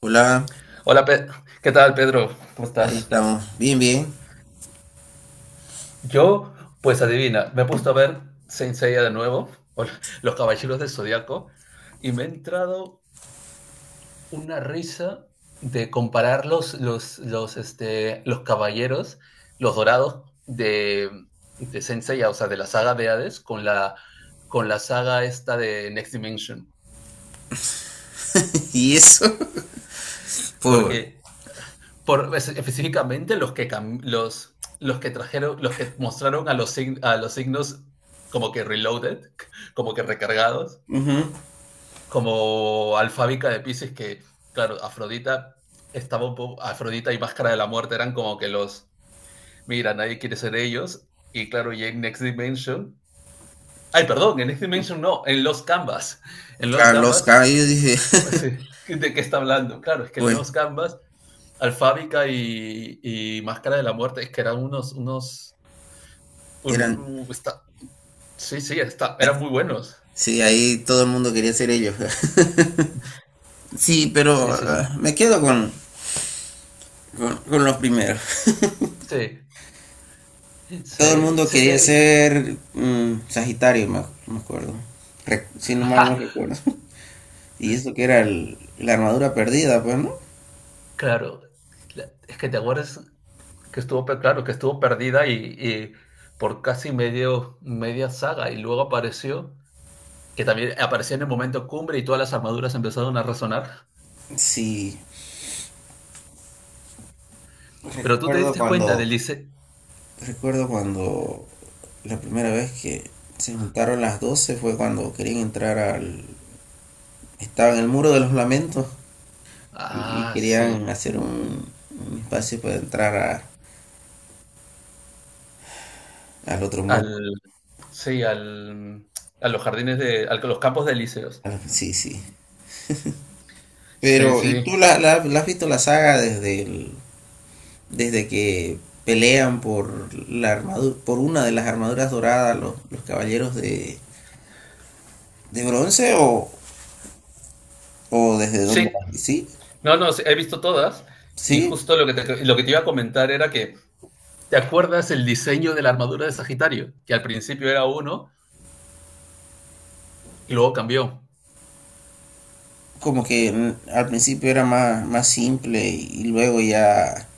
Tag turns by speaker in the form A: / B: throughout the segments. A: Hola,
B: Hola, ¿qué tal, Pedro? ¿Cómo
A: ahí
B: estás?
A: estamos. Bien, bien.
B: Yo, pues adivina, me he puesto a ver Saint Seiya de nuevo, o Los Caballeros del Zodiaco, y me ha entrado una risa de comparar los caballeros, los dorados de Saint Seiya, o sea, de la saga de Hades, con la saga esta de Next Dimension.
A: Y eso, por
B: Porque Específicamente los que, los que trajeron, los que mostraron a a los signos como que reloaded, como que recargados, como Alfábica de Pisces, que claro, Afrodita estaba un poco, Afrodita y Máscara de la Muerte eran como que los, mira, nadie quiere ser ellos, y claro, y en Next Dimension, ay, perdón, en Next Dimension no, en Los
A: claro, los
B: Canvas
A: caballos, dije,
B: pues sí. ¿De qué está hablando? Claro, es que en
A: pues,
B: Los Gambas, Alfábica y Máscara de la Muerte, es que eran unos, unos, un-
A: eran.
B: un- está- sí, sí, está,
A: Ay,
B: eran muy buenos.
A: sí, ahí todo el mundo quería ser ellos. Sí, pero
B: Sí, sí, sí,
A: me quedo con los primeros.
B: sí,
A: Todo el
B: sí,
A: mundo
B: sí,
A: quería
B: eh.
A: ser Sagitario, me acuerdo. Re- si no mal no
B: ¡Ja!
A: recuerdo. Y eso que era la armadura perdida, pues, ¿no?
B: Claro, la- es que te acuerdas que estuvo, pe- claro, que estuvo perdida y por casi medio, media saga y luego apareció, que también apareció en el momento cumbre y todas las armaduras empezaron a resonar.
A: Sí,
B: Pero tú te
A: recuerdo
B: diste cuenta del
A: cuando
B: diseño.
A: Recuerdo cuando la primera vez que se juntaron las 12 fue cuando querían entrar al... Estaba en el muro de los lamentos y
B: Ah, sí.
A: querían hacer un espacio para entrar al otro mundo.
B: Al, sí, a los jardines a los campos de Elíseos.
A: Ah, sí, sí.
B: Sí,
A: Pero, ¿y
B: sí.
A: tú la has visto la saga desde desde que pelean por la armadura, por una de las armaduras doradas los caballeros de bronce o desde dónde?
B: Sí,
A: Sí,
B: no, no, sí, he visto todas. Y
A: sí.
B: justo lo que te iba a comentar era que, ¿te acuerdas el diseño de la armadura de Sagitario? Que al principio era uno y luego cambió.
A: Como que al principio era más simple y luego ya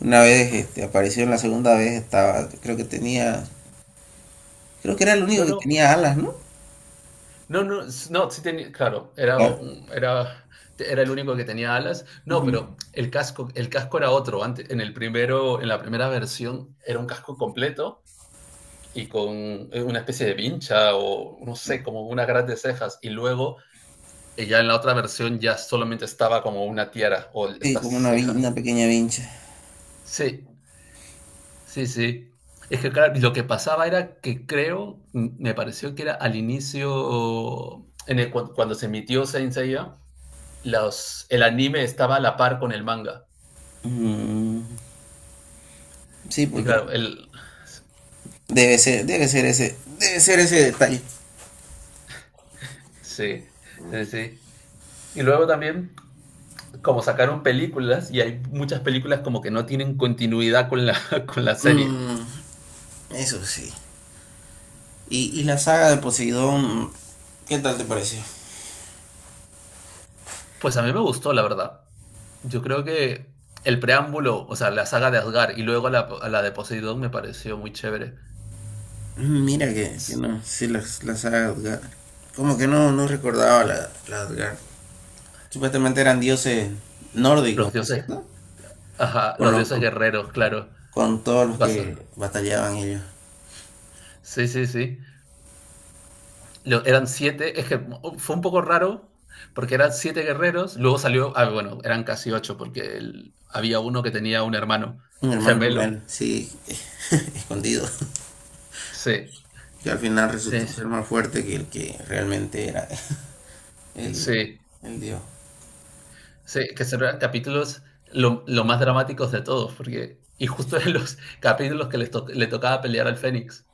A: una vez este, apareció en la segunda vez, estaba, creo que tenía, creo que era el
B: No,
A: único que
B: no,
A: tenía alas, ¿no?
B: no, no, no, sí tenía, claro,
A: Claro.
B: era, era el único que tenía alas. No,
A: Ujú.
B: pero el casco era otro. Antes, en el primero, en la primera versión era un casco completo y con una especie de vincha o no sé, como una gran de cejas. Y luego ya en la otra versión ya solamente estaba como una tiara o
A: Sí,
B: estas
A: como una, una
B: cejas.
A: pequeña vincha.
B: Sí, sí, sí. Es que claro, lo que pasaba era que creo, me pareció que era al inicio, en cuando se emitió Saint Seiya, el anime estaba a la par con el manga.
A: Mm, sí,
B: Y
A: porque
B: claro, el...
A: debe ser ese detalle.
B: Sí, sí, sí. Y luego también como sacaron películas y hay muchas películas como que no tienen continuidad con la serie.
A: Mm, eso sí. Y la saga de Poseidón, ¿qué tal te pareció?
B: Pues a mí me gustó, la verdad. Yo creo que el preámbulo, o sea, la saga de Asgard y luego la de Poseidón me pareció muy chévere.
A: Mira que no, sí, la saga de Asgard. Como que no recordaba la de Asgard. Supuestamente eran dioses nórdicos,
B: Los
A: ¿no es
B: dioses,
A: cierto?
B: ajá,
A: Con,
B: los
A: los-
B: dioses
A: con,
B: guerreros, claro.
A: todos los que
B: Basa.
A: batallaban ellos.
B: Sí, sí, sí. Lo- eran siete, es que oh, fue un poco raro porque eran siete guerreros, luego salió, ah, bueno, eran casi ocho porque el- había uno que tenía un hermano
A: Un hermano
B: gemelo.
A: gemelo, sí, escondido.
B: Sí,
A: Que al final
B: sí,
A: resultó
B: sí.
A: ser más fuerte que el que realmente era el,
B: Sí,
A: el dios.
B: sí, que son capítulos lo más dramáticos de todos, porque, y justo en los capítulos que le tocaba pelear al Fénix.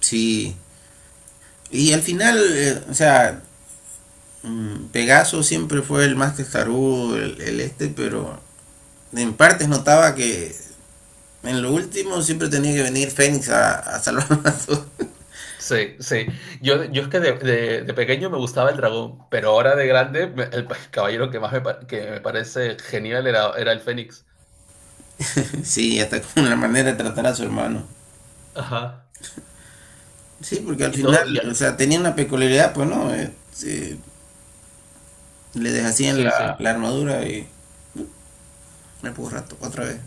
A: Sí. Y al final, o sea, Pegaso siempre fue el más testarudo, pero en partes notaba que en lo último siempre tenía que venir Fénix a salvarlo a todos.
B: Sí, sí. Yo es que de pequeño me gustaba el dragón, pero ahora de grande, caballero que más que me parece genial era, era el Fénix.
A: Sí, hasta con la manera de tratar a su hermano.
B: Ajá.
A: Sí, porque al
B: Y
A: final,
B: todo, ya.
A: o sea, tenía una peculiaridad, pues no. Eh, le deshacían
B: Sí, sí.
A: la armadura y me puso rato, otra vez,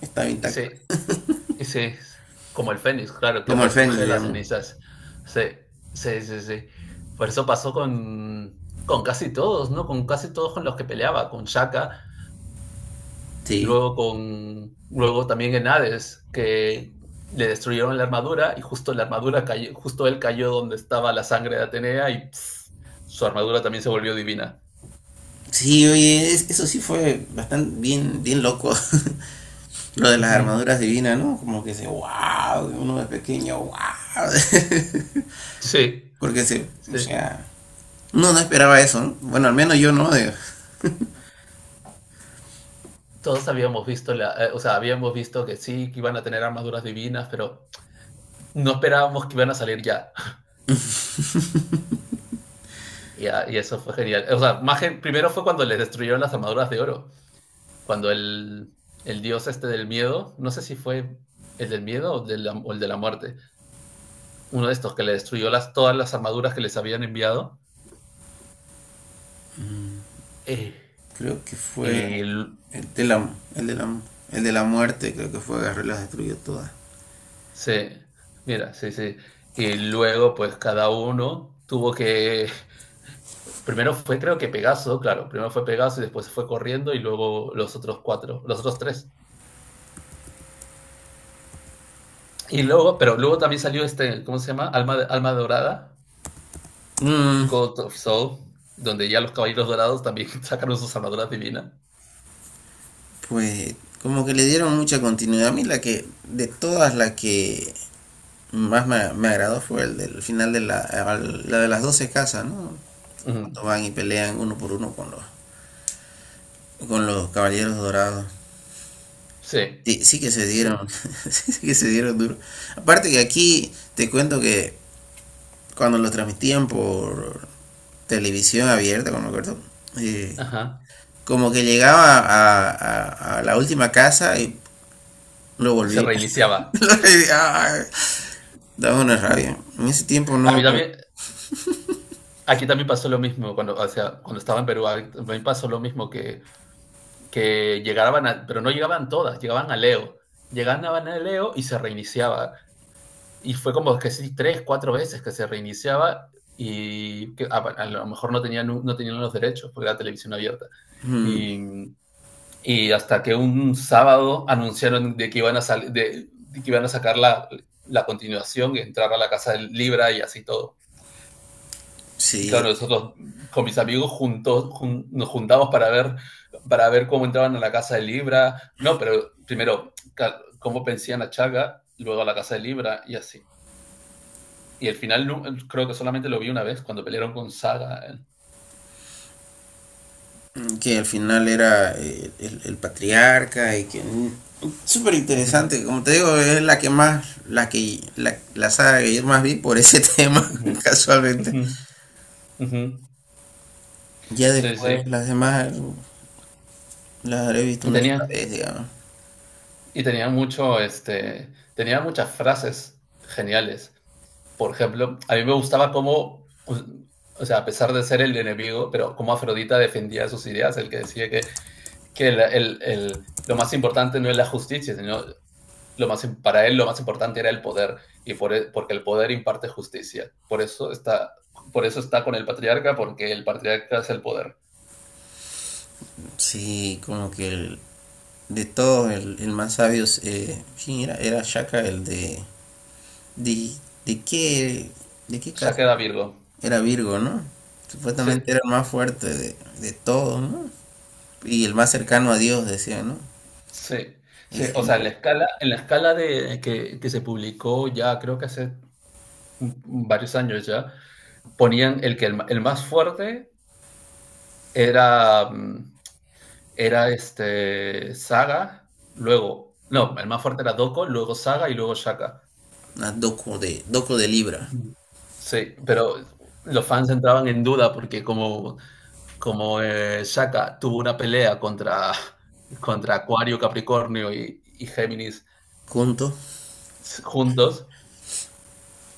A: estaba
B: Y
A: intacta.
B: sí, y sí, como el Fénix, claro, que
A: Como el Fénix,
B: resurge de las
A: digamos.
B: cenizas. Sí, sí, sí, sí. Por eso pasó con casi todos, ¿no? Con casi todos con los que peleaba, con Shaka,
A: Sí.
B: luego también en Hades, que le destruyeron la armadura y justo la armadura cayó, justo él cayó donde estaba la sangre de Atenea y pss, su armadura también se volvió divina.
A: Sí, oye, eso sí fue bastante bien loco, lo de las
B: Ujú.
A: armaduras divinas, ¿no? Como que se, wow, uno de pequeño, wow.
B: Sí,
A: Porque se, o
B: sí.
A: sea, uno no esperaba eso, ¿no? Bueno, al menos yo no,
B: Todos habíamos visto o sea, habíamos visto que sí, que iban a tener armaduras divinas, pero no esperábamos que iban a salir ya. Y, ah, y eso fue genial. O sea, más que, primero fue cuando les destruyeron las armaduras de oro. Cuando el dios este del miedo, no sé si fue el del miedo o el de la muerte, uno de estos que le destruyó todas las armaduras que les habían enviado. Eh,
A: creo que fue
B: y
A: el de la, el de la, el de la muerte, creo que fue, agarró y las destruyó todas.
B: se, mira, sí, sí. Y luego, pues cada uno tuvo que. Primero fue, creo que Pegaso, claro, primero fue Pegaso y después se fue corriendo y luego los otros cuatro, los otros tres. Y luego, pero luego también salió este, ¿cómo se llama? Alma, Alma Dorada,
A: Mm,
B: God of Soul, donde ya los caballeros dorados también sacaron sus armaduras divinas.
A: Pues como que le dieron mucha continuidad. A mí la que, de todas las que me agradó fue el del final de la, la de las 12 casas, ¿no?
B: Mm,
A: Cuando van y pelean uno por uno con con los caballeros dorados.
B: sí,
A: Sí, sí que se
B: sí,
A: dieron, sí que se dieron duro. Aparte que aquí te cuento que cuando lo transmitían por televisión abierta, como me acuerdo, eh,
B: ajá.
A: como que llegaba a la última casa y lo
B: Y se
A: volvía.
B: reiniciaba.
A: Daba una rabia. En ese tiempo
B: A
A: no.
B: mí también, aquí también pasó lo mismo, cuando, o sea, cuando estaba en Perú, a mí también pasó lo mismo que llegaban, a, pero no llegaban todas, llegaban a Leo. Llegaban a Leo y se reiniciaba. Y fue como que sí, tres, cuatro veces que se reiniciaba y que a lo mejor no tenían, no tenían los derechos porque era televisión abierta.
A: mm,
B: Y, y hasta que un sábado anunciaron de que iban a, sal, de que iban a sacar la continuación y entrar a la casa del Libra y así todo. Y
A: sí,
B: claro, nosotros con mis amigos juntos, jun, nos juntamos para ver cómo entraban a la casa de Libra. No, pero primero, cómo pensían a Chaga, luego a la casa de Libra y así. Y el final no creo que solamente lo vi una vez cuando pelearon con Saga. Eh.
A: que al final era el patriarca y que. Súper
B: Ujú,
A: interesante. Como te digo, es la que más. La saga que yo más vi por ese tema,
B: ujú,
A: casualmente.
B: ujú, ujú.
A: Ya
B: Sí,
A: después
B: sí.
A: las demás las habré visto
B: Y
A: una sola
B: tenía,
A: vez, digamos.
B: y tenía mucho, este, tenía muchas frases geniales. Por ejemplo, a mí me gustaba cómo, o sea, a pesar de ser el enemigo, pero cómo Afrodita defendía sus ideas, el que decía que lo más importante no es la justicia, sino lo más, para él lo más importante era el poder porque el poder imparte justicia. Por eso está con el patriarca, porque el patriarca es el poder.
A: Sí, como que de todos, el más sabio. Es, ¿quién era? Era Shaka, el de. ¿De, de qué? ¿De qué
B: Ya
A: casa?
B: queda Virgo.
A: Era Virgo, ¿no?
B: Sí,
A: Supuestamente era el más fuerte de todos, ¿no? Y el más cercano a Dios, decían, ¿no?
B: sí,
A: Y
B: sí. O sea,
A: siempre,
B: en la escala de, que se publicó ya creo que hace varios años ya, ponían el que el más fuerte era, mm, era este Saga, luego, no, el más fuerte era Doko, luego Saga y luego Shaka.
A: una doco de Libra,
B: Ujú. Sí, pero los fans entraban en duda porque como Shaka tuvo una pelea contra, contra Acuario, Capricornio y Géminis
A: juntos.
B: juntos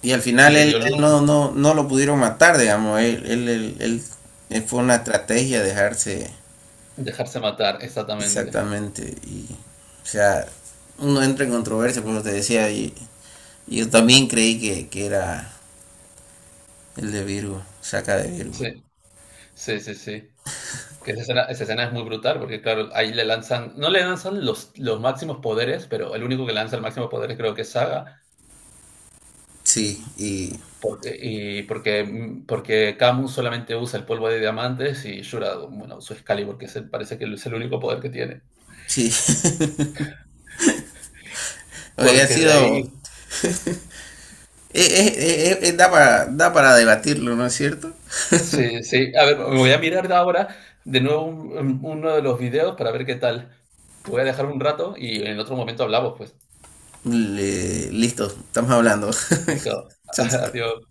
A: Y al
B: y
A: final
B: les dio
A: él
B: lucha,
A: no, no, no lo pudieron matar, digamos. Él fue una estrategia dejarse
B: dejarse matar, exactamente.
A: exactamente. Y, o sea, uno entra en controversia, por lo que te decía. Y yo también creí que era el de Virgo, saca de Virgo.
B: Sí, sí, sí, sí. Que esa escena es muy brutal porque claro, ahí le lanzan, no le lanzan los máximos poderes, pero el único que lanza el máximo poder creo que es Saga.
A: Sí, y
B: Porque, y porque, mm, porque Camus solamente usa el polvo de diamantes y Shura, bueno, usa Excalibur, que es el- parece que es el único poder que tiene.
A: sí, había
B: Porque de
A: sido.
B: ahí,
A: Da para debatirlo, ¿no es cierto?
B: sí, sí. A ver, me voy a mirar ahora de nuevo uno de los videos para ver qué tal. Te voy a dejar un rato y en otro momento hablamos, pues.
A: Listo, estamos hablando.
B: Listo.
A: Chao, chao.
B: Adiós.